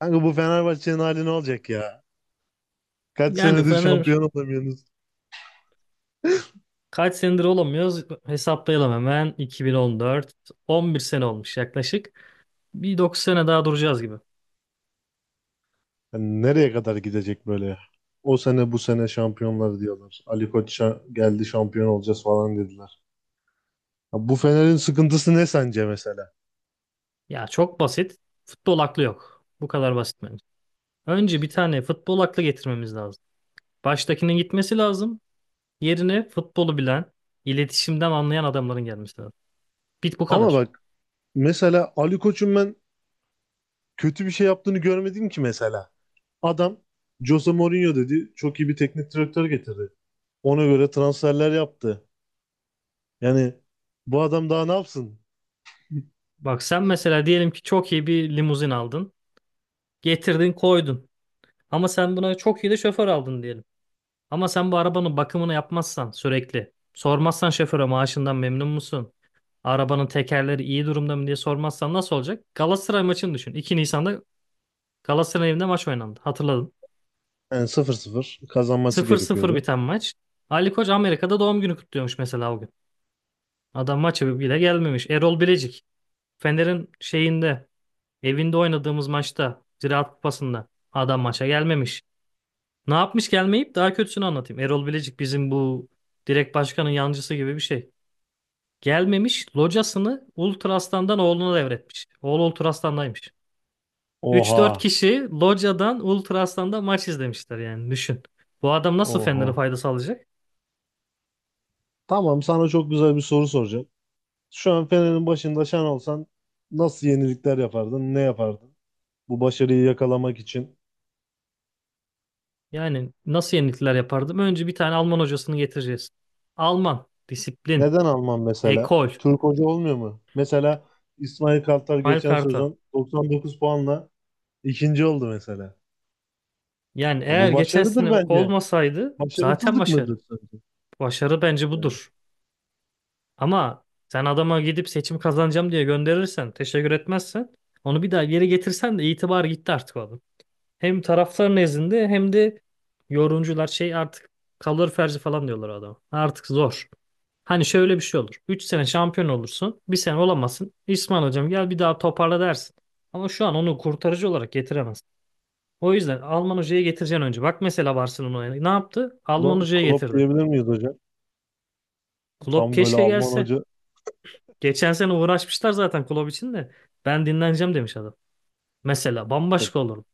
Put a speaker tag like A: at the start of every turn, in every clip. A: Kanka bu Fenerbahçe'nin hali ne olacak ya? Kaç
B: Yani
A: senedir
B: Fener,
A: şampiyon olamıyorsunuz.
B: kaç senedir olamıyoruz, hesaplayalım hemen. 2014, 11 sene olmuş yaklaşık. Bir 9 sene daha duracağız gibi.
A: Hani nereye kadar gidecek böyle? O sene bu sene şampiyonlar diyorlar. Ali Koç geldi, şampiyon olacağız falan dediler. Ya bu Fener'in sıkıntısı ne sence mesela?
B: Ya çok basit, futbol aklı yok, bu kadar basit bence. Önce bir tane futbol aklı getirmemiz lazım. Baştakinin gitmesi lazım, yerine futbolu bilen, iletişimden anlayan adamların gelmesi lazım. Bit bu
A: Ama
B: kadar.
A: bak, mesela Ali Koç'un ben kötü bir şey yaptığını görmedim ki mesela. Adam Jose Mourinho dedi. Çok iyi bir teknik direktör getirdi. Ona göre transferler yaptı. Yani bu adam daha ne yapsın?
B: Bak sen mesela, diyelim ki çok iyi bir limuzin aldın, getirdin koydun, ama sen buna çok iyi de şoför aldın diyelim. Ama sen bu arabanın bakımını yapmazsan sürekli, sormazsan şoföre maaşından memnun musun? Arabanın tekerleri iyi durumda mı diye sormazsan nasıl olacak? Galatasaray maçını düşün. 2 Nisan'da Galatasaray evinde maç oynandı. Hatırladın.
A: Yani 0-0 kazanması
B: Sıfır sıfır
A: gerekiyordu.
B: biten maç. Ali Koç Amerika'da doğum günü kutluyormuş mesela o gün. Adam maça bile gelmemiş. Erol Bilecik. Fener'in şeyinde, evinde oynadığımız maçta, Ziraat Kupası'nda adam maça gelmemiş. Ne yapmış gelmeyip, daha kötüsünü anlatayım. Erol Bilecik bizim bu direkt başkanın yancısı gibi bir şey. Gelmemiş, locasını ultrastandan oğluna devretmiş. Oğlu ultrastandaymış. Üç dört
A: Oha.
B: kişi locadan Ultraaslan'da maç izlemişler, yani düşün. Bu adam nasıl Fener'e
A: Oha.
B: fayda sağlayacak?
A: Tamam, sana çok güzel bir soru soracağım. Şu an Fener'in başında sen olsan nasıl yenilikler yapardın? Ne yapardın? Bu başarıyı yakalamak için.
B: Yani nasıl yenilikler yapardım? Önce bir tane Alman hocasını getireceğiz. Alman, disiplin,
A: Neden Alman mesela?
B: ekol,
A: Türk hoca olmuyor mu? Mesela İsmail Kartal geçen
B: malkarta.
A: sezon 99 puanla ikinci oldu mesela.
B: Yani
A: Ya
B: eğer
A: bu
B: geçen
A: başarıdır
B: sene
A: bence.
B: olmasaydı zaten
A: Başarısızlık
B: başarı.
A: mıdır sence?
B: Başarı bence
A: Yani
B: budur. Ama sen adama gidip seçim kazanacağım diye gönderirsen, teşekkür etmezsen, onu bir daha geri getirsen de itibar gitti artık o adam. Hem taraftar nezdinde hem de yorumcular şey artık kalır ferzi falan diyorlar o adama. Artık zor. Hani şöyle bir şey olur. 3 sene şampiyon olursun. Bir sene olamazsın. İsmail hocam gel bir daha toparla dersin. Ama şu an onu kurtarıcı olarak getiremez. O yüzden Alman hocayı getireceksin önce. Bak mesela Barcelona'ya ne yaptı? Alman hocayı
A: Klopp
B: getirdi.
A: diyebilir miyiz hocam?
B: Klopp
A: Tam böyle
B: keşke
A: Alman
B: gelse.
A: hoca.
B: Geçen sene uğraşmışlar zaten kulüp için de. Ben dinleneceğim demiş adam. Mesela
A: e,
B: bambaşka olur.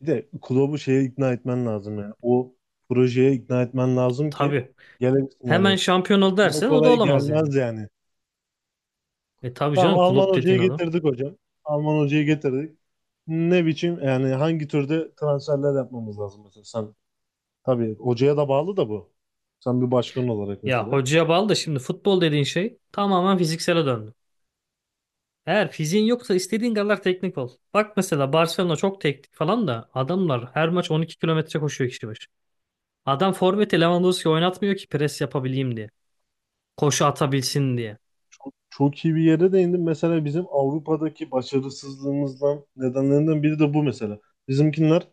A: Bir de Klopp'u şeye ikna etmen lazım yani. O projeye ikna etmen lazım ki
B: Tabii.
A: gelebilsin
B: Hemen
A: yani.
B: şampiyon ol
A: Kolay
B: dersen o da
A: kolay
B: olamaz yani.
A: gelmez yani.
B: E tabii
A: Tamam,
B: canım,
A: Alman
B: kulüp dediğin
A: hocayı
B: adam.
A: getirdik hocam. Alman hocayı getirdik. Ne biçim yani, hangi türde transferler yapmamız lazım mesela? Sen tabii hocaya da bağlı da bu. Sen bir başkan olarak
B: Ya
A: mesela.
B: hocaya bağlı da, şimdi futbol dediğin şey tamamen fiziksele döndü. Eğer fiziğin yoksa istediğin kadar teknik ol. Bak mesela Barcelona çok teknik falan da adamlar her maç 12 kilometre koşuyor kişi başı. Adam forveti Lewandowski oynatmıyor ki pres yapabileyim diye. Koşu atabilsin diye.
A: Çok iyi bir yere değindin. Mesela bizim Avrupa'daki başarısızlığımızdan nedenlerinden biri de bu mesela. Bizimkinler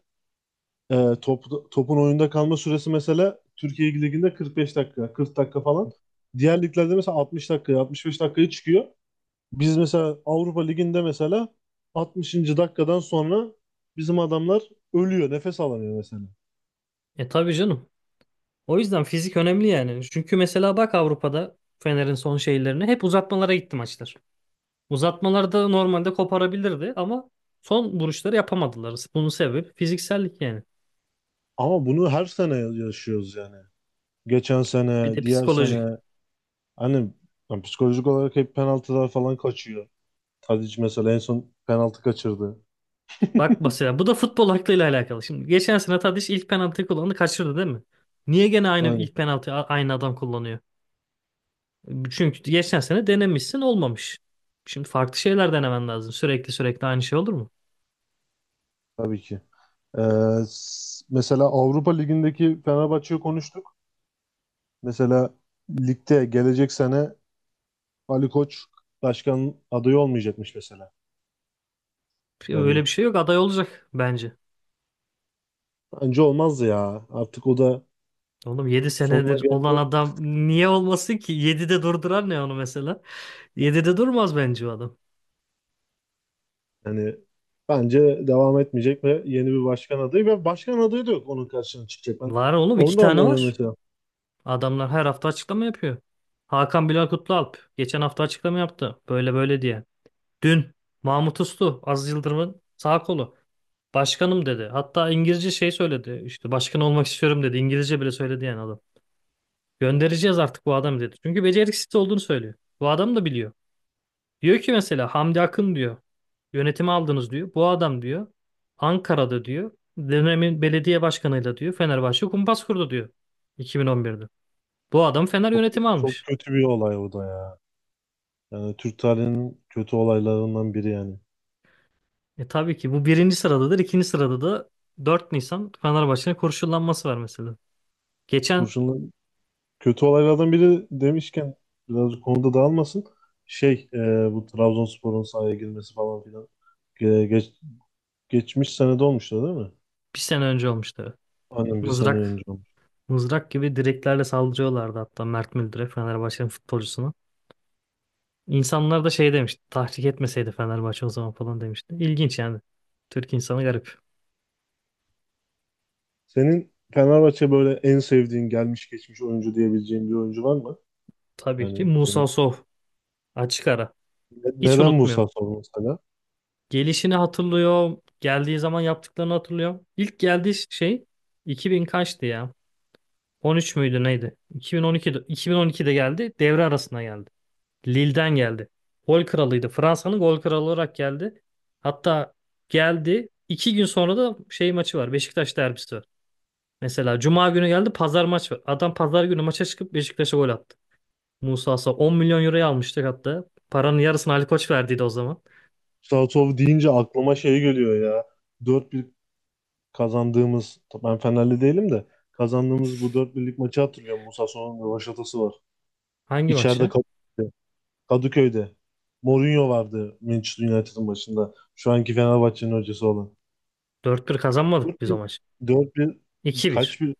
A: Ee, topun oyunda kalma süresi mesela Türkiye Ligi'nde 45 dakika, 40 dakika falan. Diğer liglerde mesela 60 dakika, 65 dakikaya çıkıyor. Biz mesela Avrupa Ligi'nde mesela 60. dakikadan sonra bizim adamlar ölüyor, nefes alamıyor mesela.
B: E tabii canım. O yüzden fizik önemli yani. Çünkü mesela bak, Avrupa'da Fener'in son şeylerine hep uzatmalara gitti maçlar. Uzatmalarda normalde koparabilirdi ama son vuruşları yapamadılar. Bunun sebebi fiziksellik yani.
A: Ama bunu her sene yaşıyoruz yani. Geçen
B: Bir de
A: sene, diğer
B: psikolojik.
A: sene, hani, yani psikolojik olarak hep penaltılar falan kaçıyor. Tadic mesela en son penaltı kaçırdı.
B: Bak mesela bu da futbol aklıyla alakalı. Şimdi geçen sene Tadiç ilk penaltıyı kullandı, kaçırdı değil mi? Niye gene aynı ilk penaltıyı aynı adam kullanıyor? Çünkü geçen sene denemişsin, olmamış. Şimdi farklı şeyler denemen lazım. Sürekli sürekli aynı şey olur mu?
A: Tabii ki. Ee, mesela Avrupa Ligi'ndeki Fenerbahçe'yi konuştuk. Mesela ligde gelecek sene Ali Koç başkan adayı olmayacakmış mesela.
B: Öyle bir
A: Yani
B: şey yok. Aday olacak bence.
A: bence olmazdı ya. Artık o da
B: Oğlum 7
A: sonuna
B: senedir olan
A: geldi.
B: adam niye olmasın ki? 7'de durduran ne onu mesela? 7'de durmaz bence o adam.
A: Yani bence devam etmeyecek ve yeni bir başkan adayı ve başkan adayı da yok onun karşısına çıkacak. Ben
B: Var oğlum, iki
A: onu da
B: tane
A: anlamıyorum
B: var.
A: mesela.
B: Adamlar her hafta açıklama yapıyor. Hakan Bilal Kutlualp geçen hafta açıklama yaptı. Böyle böyle diye. Dün Mahmut Uslu, Aziz Yıldırım'ın sağ kolu, başkanım dedi. Hatta İngilizce şey söyledi. İşte başkan olmak istiyorum dedi. İngilizce bile söyledi yani adam. Göndereceğiz artık bu adamı dedi. Çünkü beceriksiz olduğunu söylüyor. Bu adam da biliyor. Diyor ki mesela, Hamdi Akın diyor, yönetimi aldınız diyor. Bu adam diyor, Ankara'da diyor, dönemin belediye başkanıyla diyor Fenerbahçe kumpas kurdu diyor, 2011'de. Bu adam Fener
A: Çok kötü,
B: yönetimi
A: çok
B: almış.
A: kötü bir olay o da ya. Yani Türk tarihinin kötü olaylarından biri yani.
B: E tabii ki bu birinci sıradadır. İkinci sırada da 4 Nisan Fenerbahçe'nin kurşunlanması var mesela. Geçen
A: Kurşunla Kötü olaylardan biri demişken biraz konuda dağılmasın. Şey e, bu Trabzonspor'un sahaya girmesi falan filan. Ge- geç- geçmiş senede olmuştu değil mi?
B: bir sene önce olmuştu.
A: Aynen, bir sene önce
B: Mızrak,
A: olmuş.
B: mızrak gibi direklerle saldırıyorlardı hatta Mert Müldür'e, Fenerbahçe'nin futbolcusuna. İnsanlar da şey demişti, tahrik etmeseydi Fenerbahçe o zaman falan demişti. İlginç yani. Türk insanı garip.
A: Senin Fenerbahçe böyle en sevdiğin gelmiş geçmiş oyuncu diyebileceğin bir oyuncu var mı?
B: Tabii ki
A: Yani
B: Musa
A: senin
B: Sow. Açık ara. Hiç
A: neden
B: unutmuyorum.
A: Musa Sow mesela?
B: Gelişini hatırlıyorum. Geldiği zaman yaptıklarını hatırlıyorum. İlk geldiği şey 2000 kaçtı ya? 13 müydü neydi? 2012'de geldi. Devre arasına geldi. Lille'den geldi. Gol kralıydı. Fransa'nın gol kralı olarak geldi. Hatta geldi. 2 gün sonra da şey maçı var. Beşiktaş derbisi var. Mesela Cuma günü geldi, pazar maç var. Adam pazar günü maça çıkıp Beşiktaş'a gol attı. Musa Sow 10 milyon euroya almıştık hatta. Paranın yarısını Ali Koç verdiydi o zaman.
A: Musa Sow deyince aklıma şey geliyor ya. dört 1 kazandığımız, ben Fenerli değilim de, kazandığımız bu dört birlik maçı hatırlıyorum. Musa Sow'un rövaşatası var.
B: Hangi
A: İçeride
B: maçı?
A: kalıyor. Kadıköy'de. Mourinho vardı Manchester United'ın başında. Şu anki Fenerbahçe'nin hocası olan.
B: 4-1 kazanmadık
A: Dört
B: biz o
A: bir,
B: maçı.
A: dört bir,
B: 2-1.
A: kaç bir?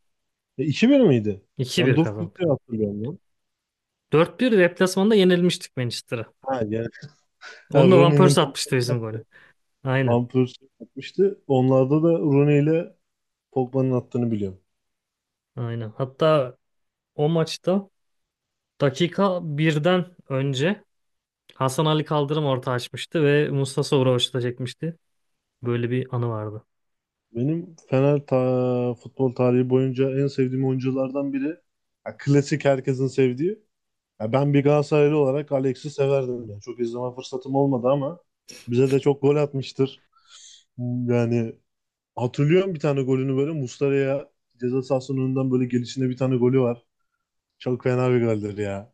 A: 2-1 miydi? Ben
B: 2-1
A: Dört 1 diye
B: kazandık.
A: hatırlıyorum lan.
B: 4-1 deplasmanda yenilmiştik Manchester'a.
A: Ha yani, ha,
B: Onu da Van
A: Rooney'nin,
B: Persie atmıştı,
A: Pogba'nın...
B: bizim golü. Aynen.
A: Van Persie atmıştı. Onlarda da Rooney ile Pogba'nın attığını biliyorum.
B: Aynen. Hatta o maçta dakika birden önce Hasan Ali Kaldırım orta açmıştı ve Musa Sow'u çekmişti. Böyle bir anı vardı.
A: Benim Fener ta futbol tarihi boyunca en sevdiğim oyunculardan biri. Ha, klasik herkesin sevdiği. Ya ben bir Galatasaraylı olarak Alex'i severdim. Yani çok izleme fırsatım olmadı ama bize de çok gol atmıştır. Yani hatırlıyorum, bir tane golünü böyle Muslera'ya ceza sahasının önünden böyle gelişinde bir tane golü var. Çok fena bir goldür ya.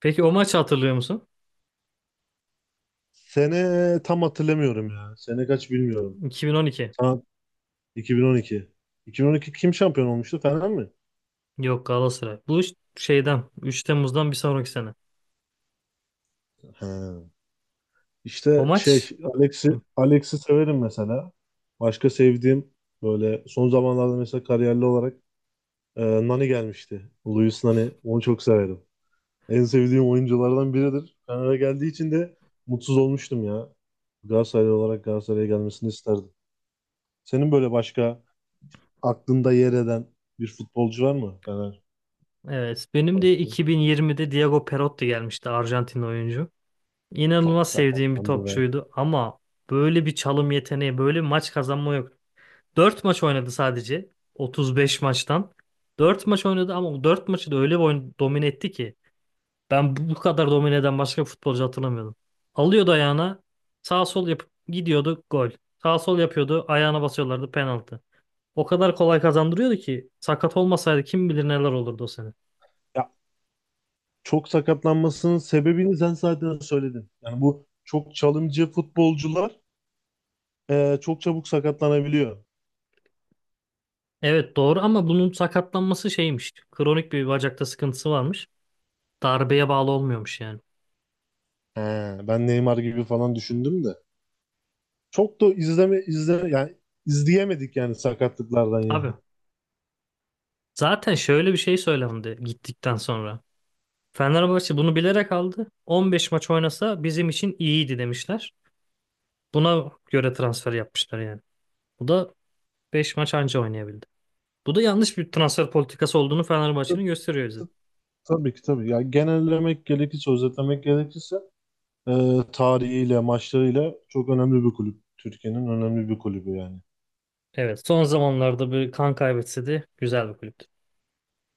B: Peki o maçı hatırlıyor musun?
A: Sene tam hatırlamıyorum ya. Sene kaç bilmiyorum.
B: 2012.
A: Ha, 2012. 2012 kim şampiyon olmuştu? Fener mi?
B: Yok, Galatasaray. Bu iş şeyden, 3 Temmuz'dan bir sonraki sene.
A: Ha.
B: O
A: İşte şey,
B: maç. Hı,
A: Alex'i, Alex'i severim mesela. Başka sevdiğim böyle son zamanlarda mesela kariyerli olarak Nani gelmişti. Luis Nani. Onu çok severim. En sevdiğim oyunculardan biridir. Fener'e geldiği için de mutsuz olmuştum ya. Galatasaraylı olarak Galatasaray'a gelmesini isterdim. Senin böyle başka aklında yer eden bir futbolcu var mı
B: evet benim de
A: Fenerbahçe?
B: 2020'de Diego Perotti gelmişti, Arjantin oyuncu.
A: Çok
B: İnanılmaz sevdiğim bir
A: sakatlandı ve
B: topçuydu ama böyle bir çalım yeteneği, böyle bir maç kazanma yok. 4 maç oynadı sadece, 35 maçtan. 4 maç oynadı ama o dört maçı da öyle bir oyun domine etti ki ben bu kadar domine eden başka bir futbolcu hatırlamıyordum. Alıyordu ayağına, sağ sol yapıp gidiyordu, gol. Sağ sol yapıyordu, ayağına basıyorlardı, penaltı. O kadar kolay kazandırıyordu ki sakat olmasaydı kim bilir neler olurdu o sene.
A: ya çok sakatlanmasının sebebini sen zaten söyledin. Yani bu çok çalımcı futbolcular, çok çabuk sakatlanabiliyor.
B: Evet doğru, ama bunun sakatlanması şeymiş. Kronik bir bacakta sıkıntısı varmış. Darbeye bağlı olmuyormuş yani.
A: He, ben Neymar gibi falan düşündüm de. Çok da izleme izle yani izleyemedik yani sakatlıklardan
B: Abi
A: yani.
B: zaten şöyle bir şey söylendi gittikten sonra. Fenerbahçe bunu bilerek aldı. 15 maç oynasa bizim için iyiydi demişler. Buna göre transfer yapmışlar yani. Bu da 5 maç anca oynayabildi. Bu da yanlış bir transfer politikası olduğunu
A: Tab-
B: Fenerbahçe'nin gösteriyor bize.
A: tab- Tabii ki tabii. Yani genellemek gerekirse, özetlemek gerekirse, e, tarihiyle, maçlarıyla çok önemli bir kulüp. Türkiye'nin önemli bir kulübü yani.
B: Evet son zamanlarda bir kan kaybetse de güzel bir kulüp.